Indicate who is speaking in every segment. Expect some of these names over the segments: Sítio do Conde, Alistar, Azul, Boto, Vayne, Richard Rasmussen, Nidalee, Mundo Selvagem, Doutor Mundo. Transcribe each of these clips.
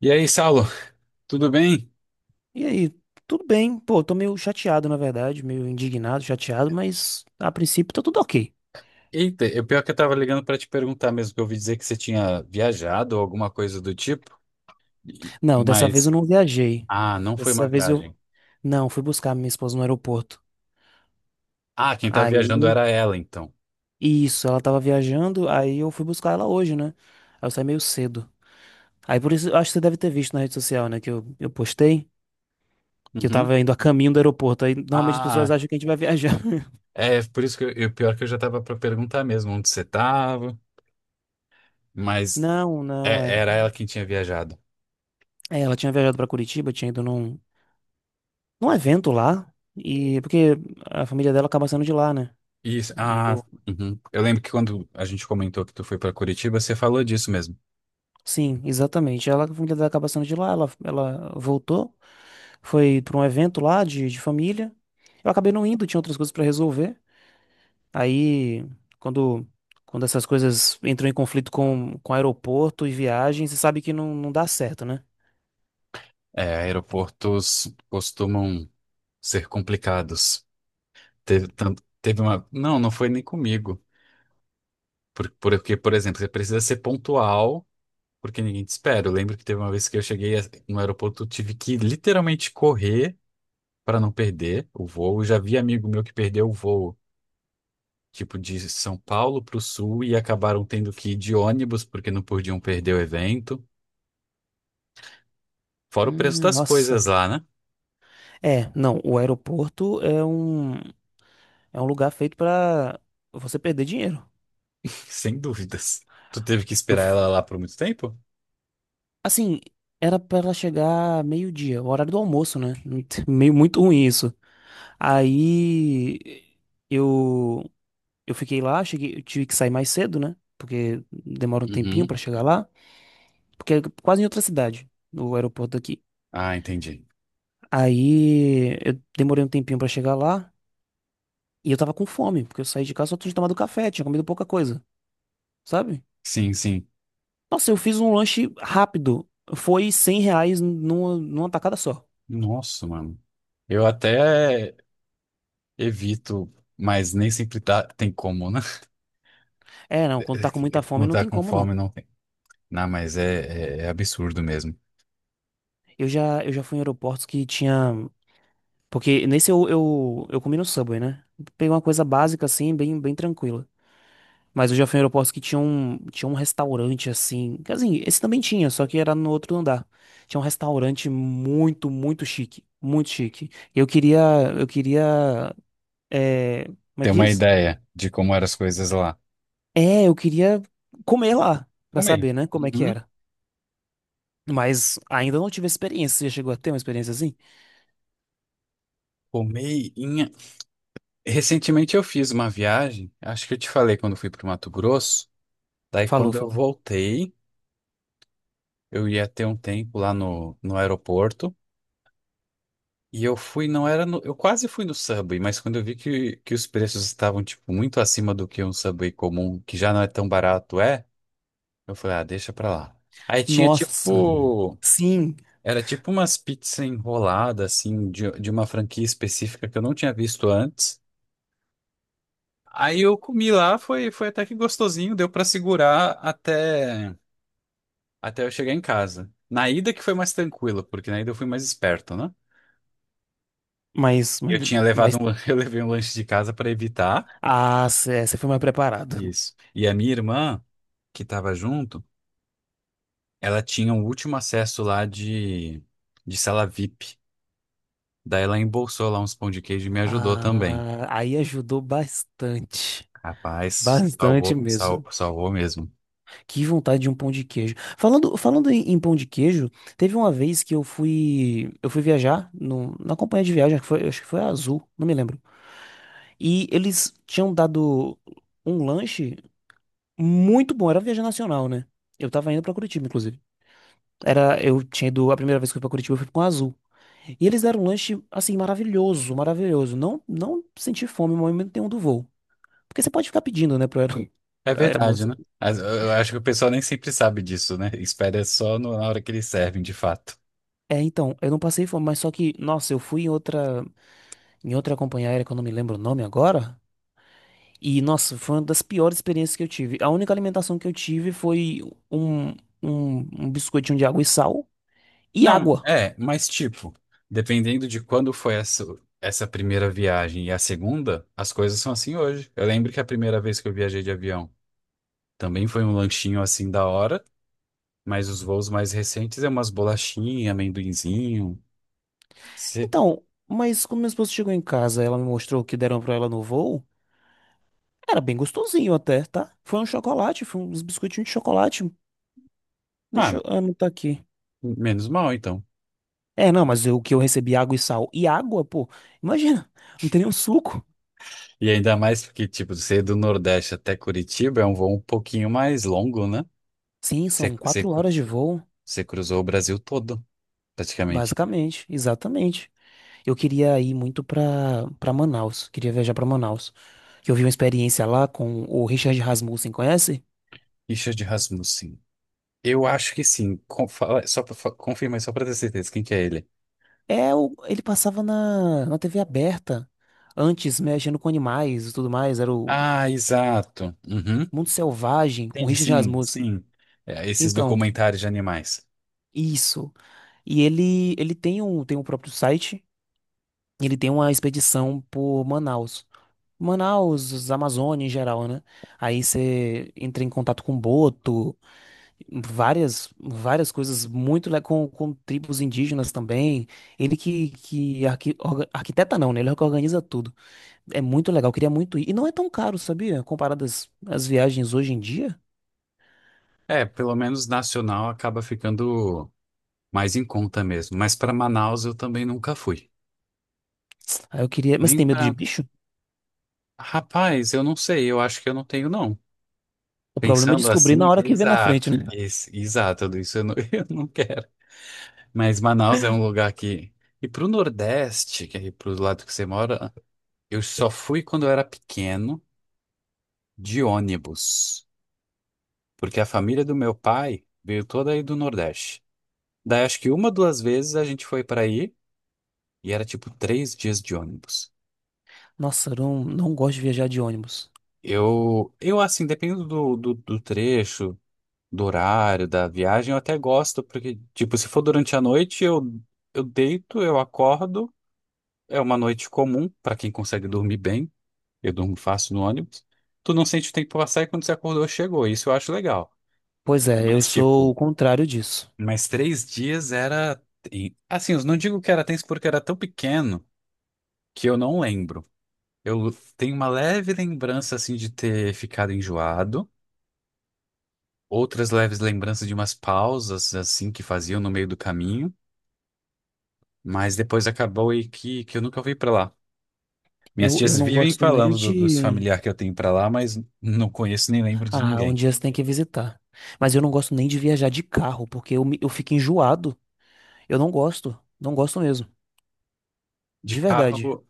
Speaker 1: E aí, Saulo, tudo bem?
Speaker 2: E aí, tudo bem? Pô, tô meio chateado, na verdade, meio indignado, chateado, mas a princípio tá tudo ok.
Speaker 1: Eita, é pior que eu tava ligando pra te perguntar mesmo, que eu ouvi dizer que você tinha viajado ou alguma coisa do tipo, e-
Speaker 2: Não, dessa vez eu
Speaker 1: mas,
Speaker 2: não viajei.
Speaker 1: ah, não foi uma
Speaker 2: Dessa vez eu
Speaker 1: viagem.
Speaker 2: não fui buscar minha esposa no aeroporto.
Speaker 1: Ah, quem tá viajando
Speaker 2: Aí,
Speaker 1: era ela, então.
Speaker 2: isso, ela tava viajando, aí eu fui buscar ela hoje, né? Aí eu saí meio cedo. Aí por isso, eu acho que você deve ter visto na rede social, né, que eu postei que eu
Speaker 1: Uhum.
Speaker 2: tava indo a caminho do aeroporto. Aí normalmente as pessoas
Speaker 1: Ah,
Speaker 2: acham que a gente vai viajar.
Speaker 1: é por isso que pior que eu já tava pra perguntar mesmo onde você tava, mas
Speaker 2: Não, não, é.
Speaker 1: é- era ela quem tinha viajado.
Speaker 2: É, ela tinha viajado pra Curitiba, tinha ido num evento lá, e porque a família dela acaba sendo de lá, né?
Speaker 1: Isso,
Speaker 2: E
Speaker 1: ah,
Speaker 2: eu,
Speaker 1: uhum. Eu lembro que quando a gente comentou que tu foi pra Curitiba, você falou disso mesmo.
Speaker 2: sim, exatamente. Ela, a família dela acaba sendo de lá, ela voltou, foi para um evento lá de família. Eu acabei não indo, tinha outras coisas para resolver. Aí, quando, quando essas coisas entram em conflito com aeroporto e viagem, você sabe que não, não dá certo, né?
Speaker 1: É, aeroportos costumam ser complicados. Teve, tanto, teve uma. Não, não foi nem comigo. Porque, por exemplo, você precisa ser pontual, porque ninguém te espera. Eu lembro que teve uma vez que no aeroporto, eu tive que literalmente correr para não perder o voo. Eu já vi amigo meu que perdeu o voo, tipo, de São Paulo para o Sul e acabaram tendo que ir de ônibus porque não podiam perder o evento. Fora o preço das
Speaker 2: Nossa.
Speaker 1: coisas lá, né?
Speaker 2: É, não, o aeroporto é um lugar feito para você perder dinheiro.
Speaker 1: Sem dúvidas. Tu teve que
Speaker 2: Eu,
Speaker 1: esperar ela lá por muito tempo?
Speaker 2: assim, era pra ela chegar meio-dia, o horário do almoço, né? Meio muito ruim isso. Aí eu eu fiquei lá, cheguei, eu tive que sair mais cedo, né? Porque demora um tempinho
Speaker 1: Uhum.
Speaker 2: pra chegar lá, porque é quase em outra cidade, o aeroporto daqui.
Speaker 1: Ah, entendi.
Speaker 2: Aí eu demorei um tempinho pra chegar lá e eu tava com fome, porque eu saí de casa só tinha tomado café, tinha comido pouca coisa, sabe?
Speaker 1: Sim, sim.
Speaker 2: Nossa, eu fiz um lanche rápido. Foi R$ 100 numa tacada só.
Speaker 1: Nossa, mano. Eu até evito, mas nem sempre tem como, né?
Speaker 2: É, não, quando tá com muita fome
Speaker 1: Quando
Speaker 2: não
Speaker 1: tá
Speaker 2: tem
Speaker 1: com
Speaker 2: como, não.
Speaker 1: fome, não tem. Não, mas é absurdo mesmo.
Speaker 2: Eu já fui em aeroportos que tinha. Porque nesse eu comi no Subway, né? Peguei uma coisa básica, assim, bem tranquila. Mas eu já fui em aeroportos que tinha um restaurante, assim. Assim, esse também tinha, só que era no outro andar. Tinha um restaurante muito chique. Muito chique. E Eu queria. Eu queria. É, como é
Speaker 1: Ter
Speaker 2: que
Speaker 1: uma
Speaker 2: diz?
Speaker 1: ideia de como eram as coisas lá.
Speaker 2: É, eu queria comer lá, pra
Speaker 1: Comer.
Speaker 2: saber, né? Como é que
Speaker 1: Uhum.
Speaker 2: era. Mas ainda não tive experiência. Você já chegou a ter uma experiência assim?
Speaker 1: Comer em... Recentemente eu fiz uma viagem, acho que eu te falei quando fui pro Mato Grosso. Daí
Speaker 2: Falou,
Speaker 1: quando eu
Speaker 2: falou.
Speaker 1: voltei, eu ia ter um tempo lá no aeroporto. E eu fui, não era no, eu quase fui no Subway, mas quando eu vi que os preços estavam, tipo, muito acima do que um Subway comum, que já não é tão barato, é, eu falei, ah, deixa pra lá. Aí tinha,
Speaker 2: Nossa.
Speaker 1: tipo,
Speaker 2: Sim,
Speaker 1: era tipo umas pizzas enroladas, assim, de uma franquia específica que eu não tinha visto antes. Aí eu comi lá, foi até que gostosinho, deu pra segurar até, até eu chegar em casa. Na ida que foi mais tranquilo, porque na ida eu fui mais esperto, né?
Speaker 2: mas, mas,
Speaker 1: Eu tinha levado
Speaker 2: mas-
Speaker 1: um, eu levei um lanche de casa pra evitar.
Speaker 2: ah, você foi mais preparado.
Speaker 1: Isso. E a minha irmã, que estava junto, ela tinha o último acesso lá de sala VIP. Daí ela embolsou lá uns pão de queijo e me ajudou também.
Speaker 2: Ah, aí ajudou bastante.
Speaker 1: Rapaz,
Speaker 2: Bastante mesmo.
Speaker 1: salvou mesmo.
Speaker 2: Que vontade de um pão de queijo. Falando, falando em pão de queijo, teve uma vez que eu fui viajar no, na companhia de viagem, que foi, acho que foi a Azul, não me lembro. E eles tinham dado um lanche muito bom, era viagem nacional, né? Eu tava indo pra Curitiba, inclusive. Era, eu tinha ido, a primeira vez que eu fui pra Curitiba, eu fui com a Azul. E eles deram um lanche, assim, maravilhoso, maravilhoso. Não, não senti fome no momento nenhum do voo. Porque você pode ficar pedindo, né,
Speaker 1: É
Speaker 2: pra
Speaker 1: verdade,
Speaker 2: aeromoça.
Speaker 1: né? Mas eu acho que o pessoal nem sempre sabe disso, né? Espera só na hora que eles servem, de fato.
Speaker 2: É, então, eu não passei fome, mas só que, nossa, eu fui em outra companhia aérea, que eu não me lembro o nome agora. E, nossa, foi uma das piores experiências que eu tive. A única alimentação que eu tive foi um, um biscoitinho de água e sal e
Speaker 1: Não,
Speaker 2: água.
Speaker 1: é, mas tipo, dependendo de quando foi essa primeira viagem e a segunda, as coisas são assim hoje. Eu lembro que a primeira vez que eu viajei de avião. Também foi um lanchinho assim da hora, mas os voos mais recentes é umas bolachinhas, amendoinzinho. Cê-
Speaker 2: Então, mas quando minha esposa chegou em casa, ela me mostrou o que deram pra ela no voo. Era bem gostosinho até, tá? Foi um chocolate, foi uns biscoitinhos de chocolate.
Speaker 1: Ah,
Speaker 2: Deixa eu anotar aqui.
Speaker 1: menos mal então.
Speaker 2: É, não, mas o que eu recebi água e sal. E água, pô, imagina, não tem nenhum suco.
Speaker 1: E ainda mais porque, tipo, ser do Nordeste até Curitiba é um voo um pouquinho mais longo, né?
Speaker 2: Sim,
Speaker 1: Você
Speaker 2: são
Speaker 1: você
Speaker 2: 4 horas de voo,
Speaker 1: você cruzou o Brasil todo, praticamente.
Speaker 2: basicamente, exatamente. Eu queria ir muito pra Manaus, queria viajar pra Manaus. Que eu vi uma experiência lá com o Richard Rasmussen, conhece?
Speaker 1: Richard Rasmussen. Eu acho que sim. Só pra, confirma aí, só pra ter certeza. Quem que é ele?
Speaker 2: Ele passava na TV aberta, antes mexendo com animais e tudo mais, era o
Speaker 1: Ah, exato. Uhum.
Speaker 2: Mundo Selvagem
Speaker 1: Sim,
Speaker 2: com Richard
Speaker 1: sim.
Speaker 2: Rasmussen.
Speaker 1: sim. É, esses
Speaker 2: Então,
Speaker 1: documentários de animais.
Speaker 2: isso. E ele tem um próprio site. Ele tem uma expedição por Manaus. Manaus, os Amazônia em geral, né? Aí você entra em contato com Boto, várias coisas com tribos indígenas também. Ele que, arquiteta não, né? Ele que organiza tudo. É muito legal, eu queria muito ir. E não é tão caro, sabia? Comparado às viagens hoje em dia.
Speaker 1: É, pelo menos nacional acaba ficando mais em conta mesmo. Mas para Manaus eu também nunca fui.
Speaker 2: Aí eu queria. Mas você
Speaker 1: Nem
Speaker 2: tem medo de
Speaker 1: para.
Speaker 2: bicho?
Speaker 1: Rapaz, eu não sei, eu acho que eu não tenho, não.
Speaker 2: O problema é
Speaker 1: Pensando
Speaker 2: descobrir na
Speaker 1: assim,
Speaker 2: hora que vê na frente,
Speaker 1: exato.
Speaker 2: né?
Speaker 1: Exato, tudo isso eu não, eu não quero. Mas Manaus é um lugar que. E pro Nordeste, que é pro lado que você mora, eu só fui quando eu era pequeno, de ônibus. Porque a família do meu pai veio toda aí do Nordeste. Daí acho que uma, duas vezes a gente foi para aí. E era tipo três dias de ônibus.
Speaker 2: Nossa, eu não, não gosto de viajar de ônibus.
Speaker 1: Eu assim, dependendo do trecho, do horário, da viagem, eu até gosto, porque, tipo, se for durante a noite, eu deito, eu acordo. É uma noite comum para quem consegue dormir bem. Eu durmo fácil no ônibus. Tu não sente o tempo passar e quando você acordou, chegou. Isso eu acho legal.
Speaker 2: Pois é, eu
Speaker 1: Mas,
Speaker 2: sou o
Speaker 1: tipo,
Speaker 2: contrário disso.
Speaker 1: mas três dias era. Assim, eu não digo que era tenso porque era tão pequeno que eu não lembro. Eu tenho uma leve lembrança, assim, de ter ficado enjoado. Outras leves lembranças de umas pausas, assim, que faziam no meio do caminho. Mas depois acabou e que eu nunca fui pra lá. Minhas
Speaker 2: Eu,
Speaker 1: tias
Speaker 2: eu não
Speaker 1: vivem
Speaker 2: gosto nem
Speaker 1: falando dos
Speaker 2: de.
Speaker 1: familiares que eu tenho pra lá, mas não conheço nem lembro de
Speaker 2: Ah, um
Speaker 1: ninguém.
Speaker 2: dia você tem que visitar. Mas eu não gosto nem de viajar de carro, porque eu, eu fico enjoado. Eu não gosto. Não gosto mesmo.
Speaker 1: De
Speaker 2: De verdade.
Speaker 1: carro,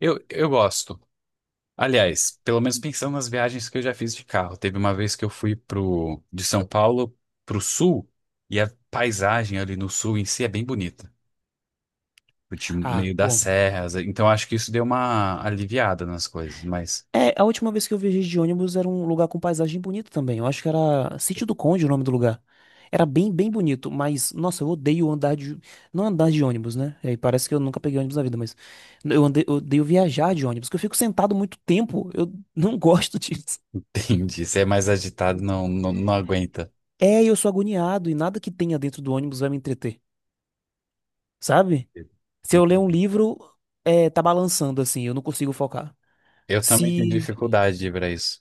Speaker 1: eu gosto. Aliás, pelo menos pensando nas viagens que eu já fiz de carro. Teve uma vez que eu fui pro, de São Paulo pro sul, e a paisagem ali no sul em si é bem bonita. De
Speaker 2: Ah,
Speaker 1: meio das
Speaker 2: pô.
Speaker 1: serras. Então acho que isso deu uma aliviada nas coisas, mas
Speaker 2: É, a última vez que eu viajei de ônibus era um lugar com paisagem bonita também. Eu acho que era Sítio do Conde o nome do lugar. Era bem bonito, mas, nossa, eu odeio andar de. Não andar de ônibus, né? Aí parece que eu nunca peguei ônibus na vida, mas eu, andei, eu odeio viajar de ônibus, porque eu fico sentado muito tempo. Eu não gosto disso.
Speaker 1: entendi. Se é mais agitado, não aguenta.
Speaker 2: É, eu sou agoniado e nada que tenha dentro do ônibus vai me entreter, sabe? Se eu ler um livro, é, tá balançando assim, eu não consigo focar.
Speaker 1: Eu também tenho
Speaker 2: Se,
Speaker 1: dificuldade de ir pra isso.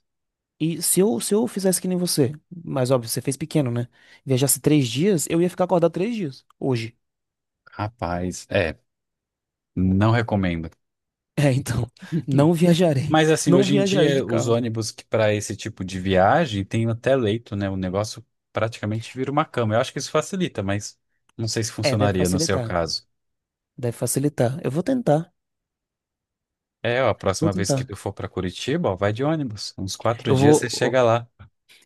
Speaker 2: e se eu fizesse que nem você, mas óbvio, você fez pequeno, né? Viajasse 3 dias, eu ia ficar acordado 3 dias, hoje.
Speaker 1: Rapaz, é, não recomendo.
Speaker 2: É, então, não viajarei.
Speaker 1: Mas assim,
Speaker 2: Não
Speaker 1: hoje em
Speaker 2: viajarei de
Speaker 1: dia, os
Speaker 2: carro.
Speaker 1: ônibus que para esse tipo de viagem tem até leito, né? O negócio praticamente vira uma cama. Eu acho que isso facilita, mas não sei se
Speaker 2: É, deve
Speaker 1: funcionaria no seu
Speaker 2: facilitar.
Speaker 1: caso.
Speaker 2: Deve facilitar. Eu vou tentar.
Speaker 1: É, ó, a
Speaker 2: Vou
Speaker 1: próxima vez que
Speaker 2: tentar.
Speaker 1: tu for para Curitiba, ó, vai de ônibus. Uns quatro
Speaker 2: Eu
Speaker 1: dias você
Speaker 2: vou,
Speaker 1: chega lá.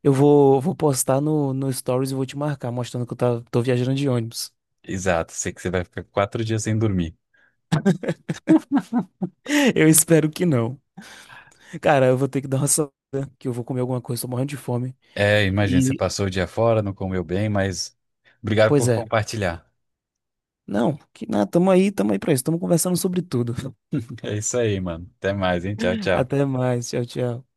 Speaker 2: vou postar no, no Stories e vou te marcar, mostrando que tô viajando de ônibus.
Speaker 1: Exato, sei que você vai ficar quatro dias sem dormir.
Speaker 2: Eu espero que não. Cara, eu vou ter que dar uma saída, que eu vou comer alguma coisa, tô morrendo de fome.
Speaker 1: É, imagina, você
Speaker 2: E,
Speaker 1: passou o dia fora, não comeu bem, mas obrigado
Speaker 2: pois
Speaker 1: por
Speaker 2: é.
Speaker 1: compartilhar.
Speaker 2: Não, que nada, tamo aí pra isso, tamo conversando sobre tudo.
Speaker 1: É isso aí, mano. Até mais, hein? Tchau, tchau.
Speaker 2: Até mais, tchau, tchau.